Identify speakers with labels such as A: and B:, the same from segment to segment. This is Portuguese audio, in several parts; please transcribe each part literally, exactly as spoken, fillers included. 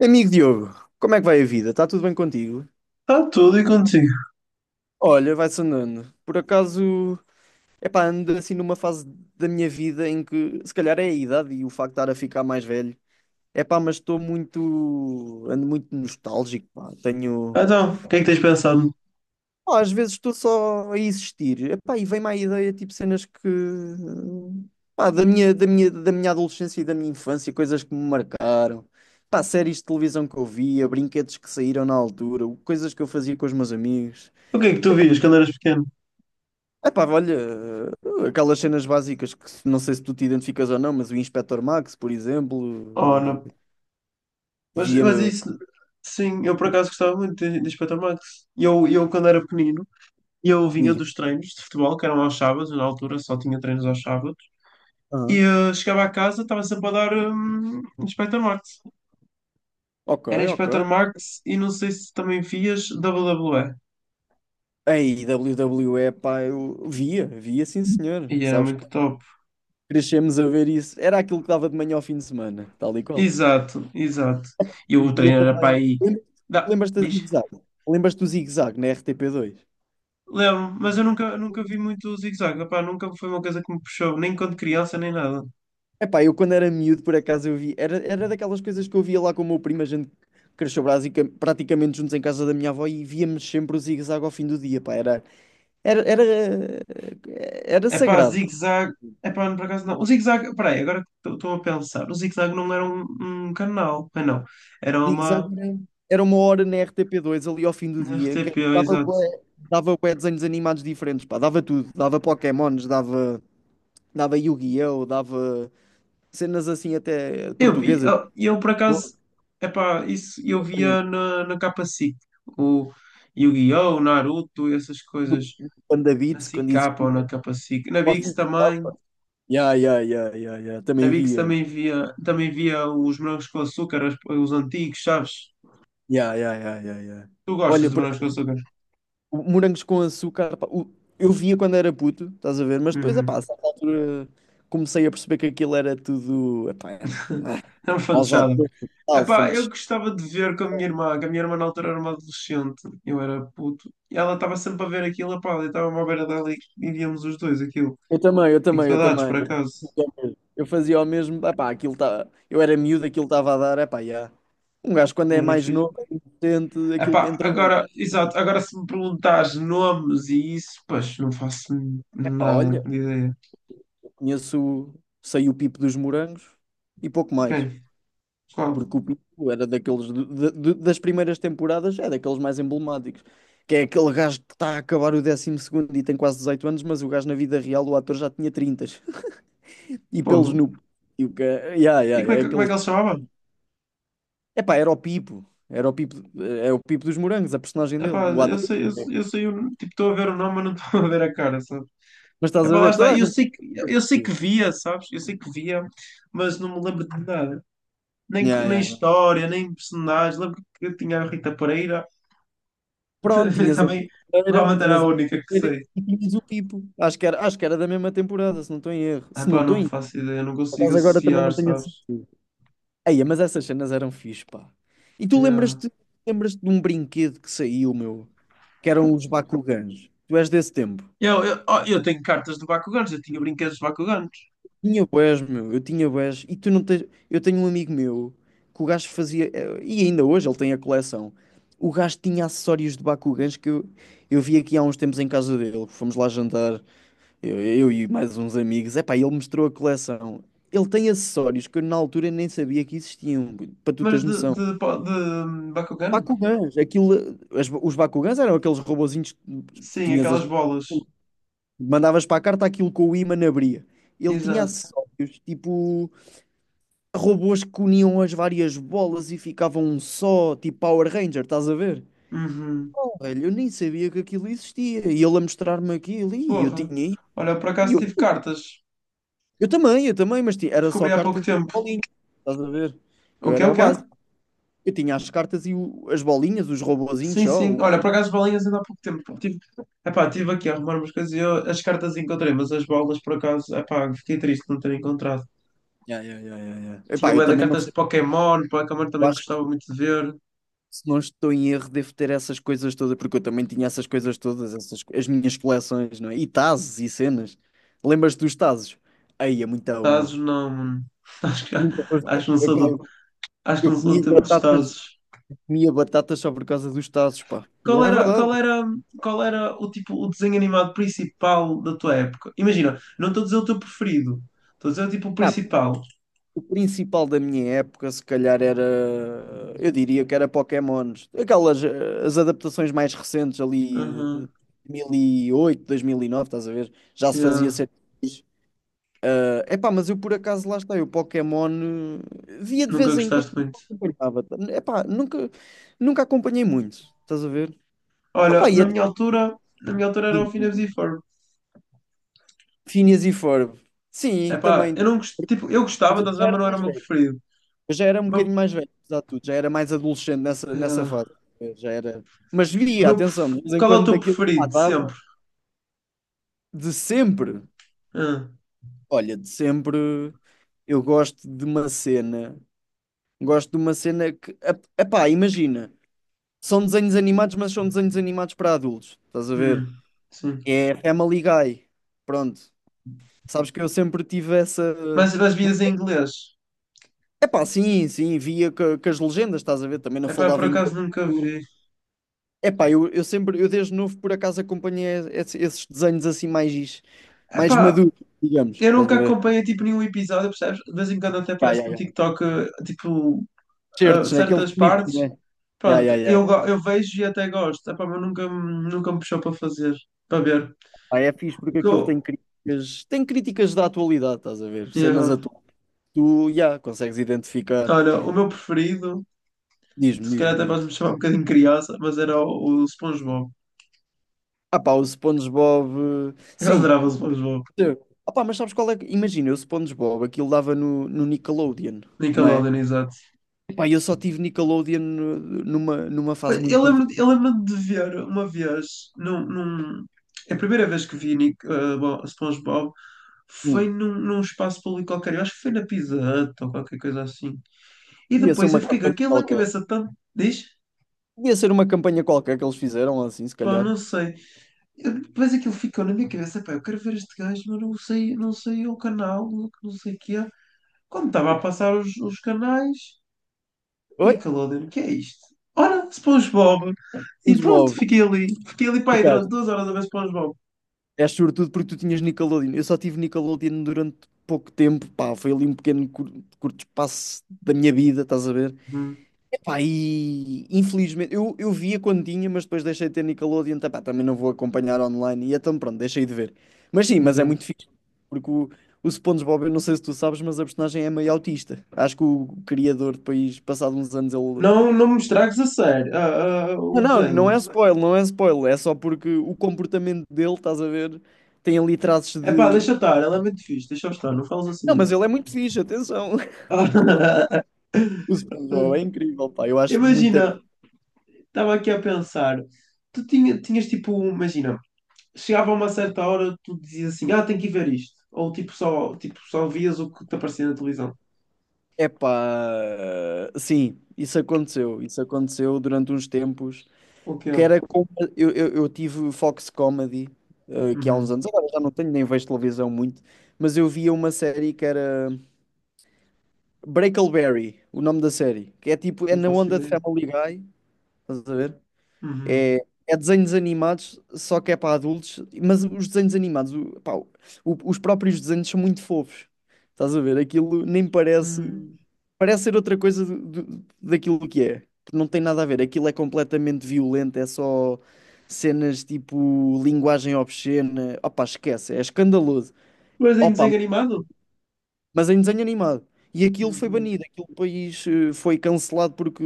A: Amigo Diogo, como é que vai a vida? Está tudo bem contigo?
B: Está tudo e contigo.
A: Olha, vai-se andando. Por acaso, epá, ando assim numa fase da minha vida em que se calhar é a idade e o facto de estar a ficar mais velho. Epá, mas estou muito, ando muito nostálgico, pá. Tenho,
B: Então, o que é que tens pensado?
A: pá, às vezes estou só a existir. Epá, e vem-me à ideia tipo cenas que, pá, da minha, da minha, da minha adolescência e da minha infância, coisas que me marcaram. Pá, séries de televisão que eu via, brinquedos que saíram na altura, coisas que eu fazia com os meus amigos.
B: O que é que tu vias quando eras pequeno?
A: Epá, olha, eh, aquelas cenas básicas que se- não sei se tu te identificas ou não, mas o Inspector Max, por
B: Oh,
A: exemplo,
B: não.
A: eh,
B: Mas, mas
A: via
B: isso, sim, eu por acaso gostava muito de, de Inspector Max. E Eu, eu, quando era pequenino, eu vinha
A: diz,
B: dos treinos de futebol, que eram aos sábados, na altura só tinha treinos aos sábados, e
A: "Ah,
B: eh, chegava a casa, estava sempre a dar hum, Inspector Max.
A: ok,
B: Era
A: ok.
B: Inspector Max e não sei se também vias dáblio dáblio É.
A: Ei, W W E, pá, eu via, via, sim senhor.
B: E E era
A: Sabes que
B: muito top.
A: crescemos a ver isso. Era aquilo que dava de manhã ao fim de semana, tal e qual.
B: Exato, exato. E
A: E
B: o
A: via
B: treino era para
A: também.
B: aí.
A: Lembras-
B: Dá,
A: Lembras-te da
B: diz.
A: Zig Zag? Lembras-te do Zig Zag na R T P dois?
B: Lembro, mas eu nunca, nunca vi muito o zigue-zague. Epá, nunca foi uma coisa que me puxou, nem quando criança, nem nada.
A: Epá, eu quando era miúdo, por acaso, eu vi. Era, era daquelas coisas que eu via lá com o meu primo. A gente cresceu brasica- praticamente juntos em casa da minha avó e víamos sempre o zigue-zague ao fim do dia, pá. Era, era, era, era
B: é Epá,
A: sagrado.
B: zigue-zague. Epá, não, por acaso não. O zigue-zague, peraí, agora que estou a pensar. O zigue-zague não era um, um canal. Ah, não. Era
A: Zigue-zague
B: uma
A: era, era uma hora na R T P dois ali ao fim do
B: na
A: dia, que
B: erre tê pê,
A: dava,
B: exato.
A: bué- dava bué desenhos animados diferentes, pá. Dava tudo. Dava Pokémons, dava, dava Yu-Gi-Oh!, dava cenas assim até
B: Eu vi,
A: portuguesas.
B: ah, eu por acaso, é epá, isso eu
A: Cenas
B: via na, na capa siqui. O Yu-Gi-Oh! O Naruto, essas coisas.
A: do Panda
B: Na
A: Beats,
B: siqui
A: quando
B: capa ou na
A: existia.
B: capa siqui. Na Biggs também.
A: Yeah, yeah, yeah, yeah, yeah.
B: Na
A: Também
B: Bix
A: via.
B: também via, também via os morangos com açúcar, os, os antigos, sabes?
A: Yeah, yeah, yeah, yeah, yeah.
B: Tu gostas
A: Olha,
B: de
A: por-
B: morangos com açúcar?
A: o- morangos com açúcar, pá, o- eu via quando era puto, estás a ver? Mas depois, epá, a
B: Uhum.
A: certa altura comecei a perceber que aquilo era tudo. Epá, era.
B: É um
A: Aos
B: fantochada. Epá, eu
A: alfantes.
B: gostava de ver com a minha irmã, que a minha irmã na altura era uma adolescente, eu era puto, e ela estava sempre a ver aquilo, epá, eu estava-me à beira dela e e víamos os dois aquilo.
A: Eu também, eu
B: Tenho
A: também, eu
B: saudades, por
A: também.
B: acaso.
A: Eu também. Eu fazia o mesmo, epá, aquilo tá, eu era miúdo, aquilo estava a dar, epá, yeah. Um gajo quando é
B: Era
A: mais
B: fixe.
A: novo, inocente, aquilo
B: Epá,
A: entra bem.
B: agora, exato, agora se me perguntares nomes e isso, pois, não faço
A: Epá,
B: nada
A: olha,
B: de ideia.
A: conheço, o- sei o pipo dos morangos e pouco mais.
B: Quem? Qual?
A: Porque o Pinto era daqueles de- de- das primeiras temporadas, é daqueles mais emblemáticos. Que é aquele gajo que está a acabar o décimo segundo e tem quase dezoito anos, mas o gajo na vida real, o ator já tinha trinta. E
B: Fogo?
A: pelos no. E o que é, yeah,
B: E
A: yeah,
B: como é
A: é
B: que, como é
A: aquele.
B: que ele se chamava?
A: Epá, era o Pipo. Era o Pipo, eh, é o Pipo dos Morangos, a personagem dele,
B: Epá,
A: o
B: eu
A: ator.
B: sei, eu, eu sei, o- tipo, estou a ver o nome, mas não estou a ver a cara, sabe?
A: Mas estás a
B: Epá, lá
A: ver,
B: está,
A: toda a
B: eu
A: gente.
B: sei que, eu sei que via, sabes? Eu sei que via, mas não me lembro de nada. Nem,
A: Yeah,
B: nem
A: yeah, yeah.
B: história, nem personagens. Lembro que eu tinha a Rita Pereira,
A: Pronto, tinhas a
B: também
A: Vieira,
B: provavelmente era
A: tinhas
B: a
A: a
B: única que
A: Vieira
B: sei.
A: e tinhas o Pipo. Acho que era, acho que era da mesma temporada, se não estou em erro. Se não
B: Epá,
A: estou em
B: não
A: erro.
B: faço ideia, não
A: Por
B: consigo
A: acaso agora também
B: associar,
A: não tenho a
B: sabes?
A: certeza. Eia, mas essas cenas eram fixe, pá. E tu
B: Yeah.
A: lembras-te, lembras-te de um brinquedo que saiu, meu, que eram os Bakugans. Tu és desse tempo.
B: Eu, eu, oh, eu tenho cartas de Bakugans, eu tinha brinquedos de Bakugans,
A: Tinha bués, meu, eu tinha bués. E tu não tens. Eu tenho um amigo meu que o gajo fazia. eh, E ainda hoje ele tem a coleção. O gajo tinha acessórios de Bakugans que eu, eu vi aqui há uns tempos em casa dele. Fomos lá jantar, eu, eu e mais uns amigos. Epá, ele mostrou a coleção. Ele tem acessórios que eu na altura nem sabia que existiam, para tu
B: mas
A: teres
B: de,
A: noção.
B: de, de, de Bakugan?
A: Bakugans, aquilo, as- os Bakugans eram aqueles robozinhos que
B: Sim,
A: tinhas as-
B: aquelas bolas.
A: mandavas para a carta aquilo com o ímã abria. Ele tinha
B: Exato.
A: acessórios, tipo robôs que uniam as várias bolas e ficavam um só, tipo Power Ranger, estás a ver?
B: Uhum.
A: Oh, velho, eu nem sabia que aquilo existia. E ele a mostrar-me aquilo, e eu
B: Porra.
A: tinha isso.
B: Olha, eu por
A: E
B: acaso
A: eu,
B: tive cartas.
A: eu também, eu também, mas ti- era só
B: Descobri há pouco
A: cartas e
B: tempo.
A: bolinhas, estás a ver?
B: O
A: Eu
B: quê?
A: era
B: O
A: o
B: quê?
A: básico. Eu tinha as cartas e o- as bolinhas, os robozinhos
B: Sim,
A: só.
B: sim.
A: O
B: Olha, por
A: básico.
B: acaso balinhas ainda há pouco tempo. Pá. Tive... Epá, tive aqui a arrumar umas coisas e eu as cartas encontrei, mas as bolas por acaso, epá, fiquei triste de não ter encontrado.
A: Yeah, yeah, yeah, yeah, yeah.
B: Tinha
A: Epá, eu
B: bué de
A: também não.
B: cartas de Pokémon, Pokémon
A: Eu
B: também
A: acho que,
B: gostava muito de ver.
A: se não estou em erro, devo ter essas coisas todas, porque eu também tinha essas coisas todas, essas, as minhas coleções, não é? E tazos e cenas. Lembras-te dos tazos? Aí é muito bom.
B: Tazos não, mano. Acho que,
A: Nunca foste.
B: acho que não
A: Eu,
B: sou
A: pá,
B: do,
A: eu-
B: acho que
A: eu
B: não sou do
A: comia
B: tempo dos
A: batatas,
B: Tazos.
A: comia batatas só por causa dos tazos, pá.
B: Qual
A: É
B: era, qual
A: verdade.
B: era, qual era o tipo, o desenho animado principal da tua época? Imagina, não estou a dizer o teu preferido, estou a dizer o tipo o
A: Ah,
B: principal.
A: o principal da minha época, se calhar, era. Eu diria que era Pokémons. Aquelas eh, as adaptações mais recentes ali, de
B: Aham,
A: dois mil e oito, dois mil e nove, estás a ver? Já se fazia
B: yeah.
A: ser. Epá, mas eu por acaso lá está, eu Pokémon eh, via de
B: Nunca
A: vez em quando,
B: gostaste
A: mas
B: muito.
A: não acompanhava. Epá, nunca, nunca acompanhei muito, estás a ver? Opá,
B: Olha,
A: e
B: na
A: até
B: minha altura, na minha altura era o Phineas e Ferb.
A: Phineas e Ferb. Sim,
B: Epá,
A: também.
B: eu não gost... tipo, eu
A: Mas
B: gostava,
A: eu
B: estás a
A: já
B: ver,
A: era
B: mas não era o
A: mais
B: meu
A: velho.
B: preferido.
A: Eu já era um
B: O
A: bocadinho
B: meu...
A: mais velho, apesar de tudo. Já era mais adolescente nessa, nessa
B: yeah.
A: fase. Eu já era. Mas
B: O
A: via,
B: meu
A: atenção,
B: pref-
A: de vez em
B: Qual é o
A: quando
B: teu
A: daquilo pá,
B: preferido, de sempre?
A: dava. De sempre.
B: Ah,
A: Olha, de sempre eu gosto de uma cena. Gosto de uma cena que. ep- Epá, imagina. São desenhos animados, mas são desenhos animados para adultos. Estás a ver?
B: hum, sim.
A: É Family Guy. Pronto. Sabes que eu sempre tive essa.
B: Mas das vias em inglês?
A: Epá, sim, sim, via co- com as legendas, estás a ver? Também não
B: Epá, por
A: falava
B: acaso
A: inglês.
B: nunca vi.
A: Epá, eu, eu sempre, eu desde novo por acaso acompanhei esse- esses desenhos assim mais, mais,
B: Epá,
A: maduros, digamos,
B: eu
A: estás
B: nunca
A: a ver?
B: acompanhei, tipo, nenhum episódio, percebes? De vez em quando até
A: Ya,
B: aparece
A: ya,
B: no
A: ya.
B: TikTok, eh, tipo, ah,
A: Certos, né? Aqueles
B: certas
A: clipes,
B: partes.
A: né? Ya,
B: Pronto,
A: ya, ya.
B: eu, go- eu vejo e até gosto. Epá, mas nunca, me- nunca me puxou para fazer, para ver.
A: Pá, é fixe
B: O
A: porque
B: que
A: aquilo tem
B: eu-
A: críticas, tem críticas da atualidade, estás a ver? Cenas
B: Yeah.
A: atuais. Tu, ya, consegues identificar.
B: Olha, o meu preferido,
A: Diz-me,
B: se
A: diz-me,
B: calhar até
A: diz-me.
B: podes me chamar um bocadinho criança, mas era o, o SpongeBob.
A: Ah pá, o SpongeBob. eh,
B: Eu
A: Sim.
B: adorava o SpongeBob.
A: Ah pá, mas sabes qual é? que- Imagina, o SpongeBob, aquilo dava no, no Nickelodeon, não é?
B: Nickelodeon, exato.
A: Pá, eu só tive Nickelodeon eh, numa, numa
B: Pois,
A: fase muito
B: Eu
A: curta.
B: lembro, eu lembro de ver uma vez, num, num- é a primeira vez que vi Nick, eh, Bo- SpongeBob foi
A: Hum.
B: num, num espaço público qualquer, eu acho que foi na Pizza Hut ou qualquer coisa assim. E
A: Ia ser
B: depois
A: uma
B: eu fiquei com
A: campanha
B: aquilo na
A: qualquer.
B: cabeça tanto. Diz?
A: Ia ser uma campanha qualquer que eles fizeram, assim, se
B: Pá,
A: calhar.
B: não sei. Eu- depois aquilo ficou na minha cabeça, pá, eu quero ver este gajo, mas não sei, não sei o canal, não não sei o que é. Quando estava a passar os, os canais,
A: Oi?
B: Nickelodeon, o que é isto? Ora, SpongeBob. E pronto,
A: SpongeBob,
B: fiquei ali. Fiquei ali, pá, aí durante
A: ficaste.
B: duas horas a ver SpongeBob.
A: És sobretudo porque tu tinhas Nickelodeon. Eu só tive Nickelodeon durante pouco tempo, pá, foi ali um pequeno cur- curto espaço da minha vida, estás a ver?
B: Uhum,
A: Epá, e infelizmente, eu, eu via quando tinha, mas depois deixei de ter Nickelodeon, tá, pá, também não vou acompanhar online, e então pronto, deixei de ver. Mas sim, mas é
B: exato.
A: muito fixe, porque o, o SpongeBob, eu não sei se tu sabes, mas a personagem é meio autista. Acho que o criador depois, passado uns anos, ele.
B: Não, não me estragues a sério, ah, ah,
A: Não,
B: o
A: não, não
B: desenho.
A: é spoiler, não é spoiler, é só porque o comportamento dele, estás a ver, tem ali traços
B: É pá,
A: de.
B: deixa estar, ela é muito fixe, deixa estar, não falas assim
A: Não,
B: dele.
A: mas ele é muito fixe, atenção. O SpongeBob é incrível, pá, eu acho muito.
B: Imagina, estava aqui a pensar, tu tinha, tinhas tipo, imagina. Chegava a uma certa hora, tu dizias assim, ah, tenho que ir ver isto. Ou tipo só, tipo, só vias o que te aparecia na televisão.
A: Epá, sim, isso aconteceu. Isso aconteceu durante uns tempos.
B: O que
A: Que
B: é?
A: era com- eu, eu, eu tive Fox Comedy, eh, que há uns
B: Uhum.
A: anos, agora já não tenho, nem vejo televisão muito, mas eu via uma série que era Breakleberry, o nome da série, que é tipo, é
B: Não
A: na
B: faço
A: onda de
B: ideia.
A: Family Guy, estás a ver?
B: Uhum.
A: É, é desenhos animados, só que é para adultos, mas os desenhos animados, o- pá, o- os próprios desenhos são muito fofos. Estás a ver? Aquilo nem parece.
B: Hum.
A: Parece ser outra coisa do- do- daquilo que é. Não tem nada a ver. Aquilo é completamente violento, é só cenas tipo linguagem obscena. Opa, esquece, é escandaloso.
B: Mas em
A: Opa,
B: desenho animado?
A: mas em desenho animado. E aquilo foi
B: Uhum.
A: banido, aquele país eh, foi cancelado porque,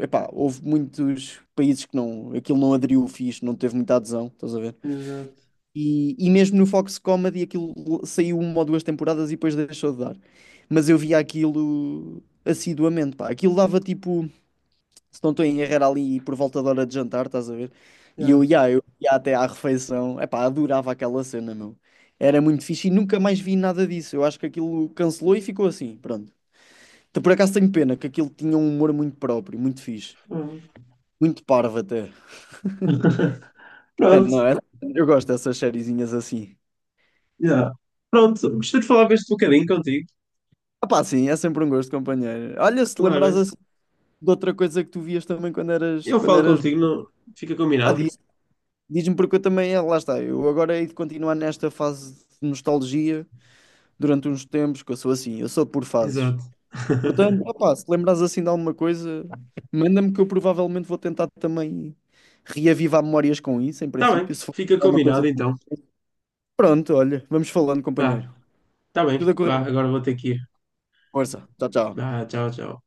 A: eh, epá, houve muitos países que não, aquilo não aderiu fixe, não teve muita adesão, estás a ver?
B: Exato.
A: E, e mesmo no Fox Comedy aquilo saiu uma ou duas temporadas e depois deixou de dar. Mas eu via aquilo assiduamente, pá. Aquilo dava tipo. Se não estou em erro, era ali por volta da hora de jantar, estás a ver? E
B: Yeah.
A: eu ia, eu ia até à refeição. Epá, adorava aquela cena, meu. Era muito fixe e nunca mais vi nada disso. Eu acho que aquilo cancelou e ficou assim, pronto. Então, por acaso tenho pena que aquilo tinha um humor muito próprio, muito fixe.
B: Uhum.
A: Muito parvo até. É,
B: Pronto.
A: não é? Eu gosto dessas sériezinhas assim.
B: Yeah. Pronto. Gostei de falar este bocadinho contigo.
A: Epá, sim, é sempre um gosto, companheiro. Olha, se te
B: Claro. É.
A: lembrares assim de outra coisa que tu vias também quando eras,
B: Eu
A: quando
B: falo
A: eras.
B: contigo, não... fica
A: Ah,
B: combinado.
A: diz, diz-me porque eu também, ah, lá está, eu agora hei de continuar nesta fase de nostalgia durante uns tempos, que eu sou assim, eu sou por fases.
B: Exato.
A: Portanto, opá, se lembrares assim de alguma coisa, manda-me que eu provavelmente vou tentar também reavivar memórias com isso, em
B: Tá
A: princípio,
B: bem.
A: se for
B: Fica
A: alguma coisa.
B: combinado então.
A: Pronto, olha, vamos falando,
B: Vá.
A: companheiro.
B: Tá bem.
A: Tudo a correr
B: Vá,
A: bem.
B: agora vou ter que ir.
A: Força. Tchau, tchau.
B: Vá, tchau, tchau.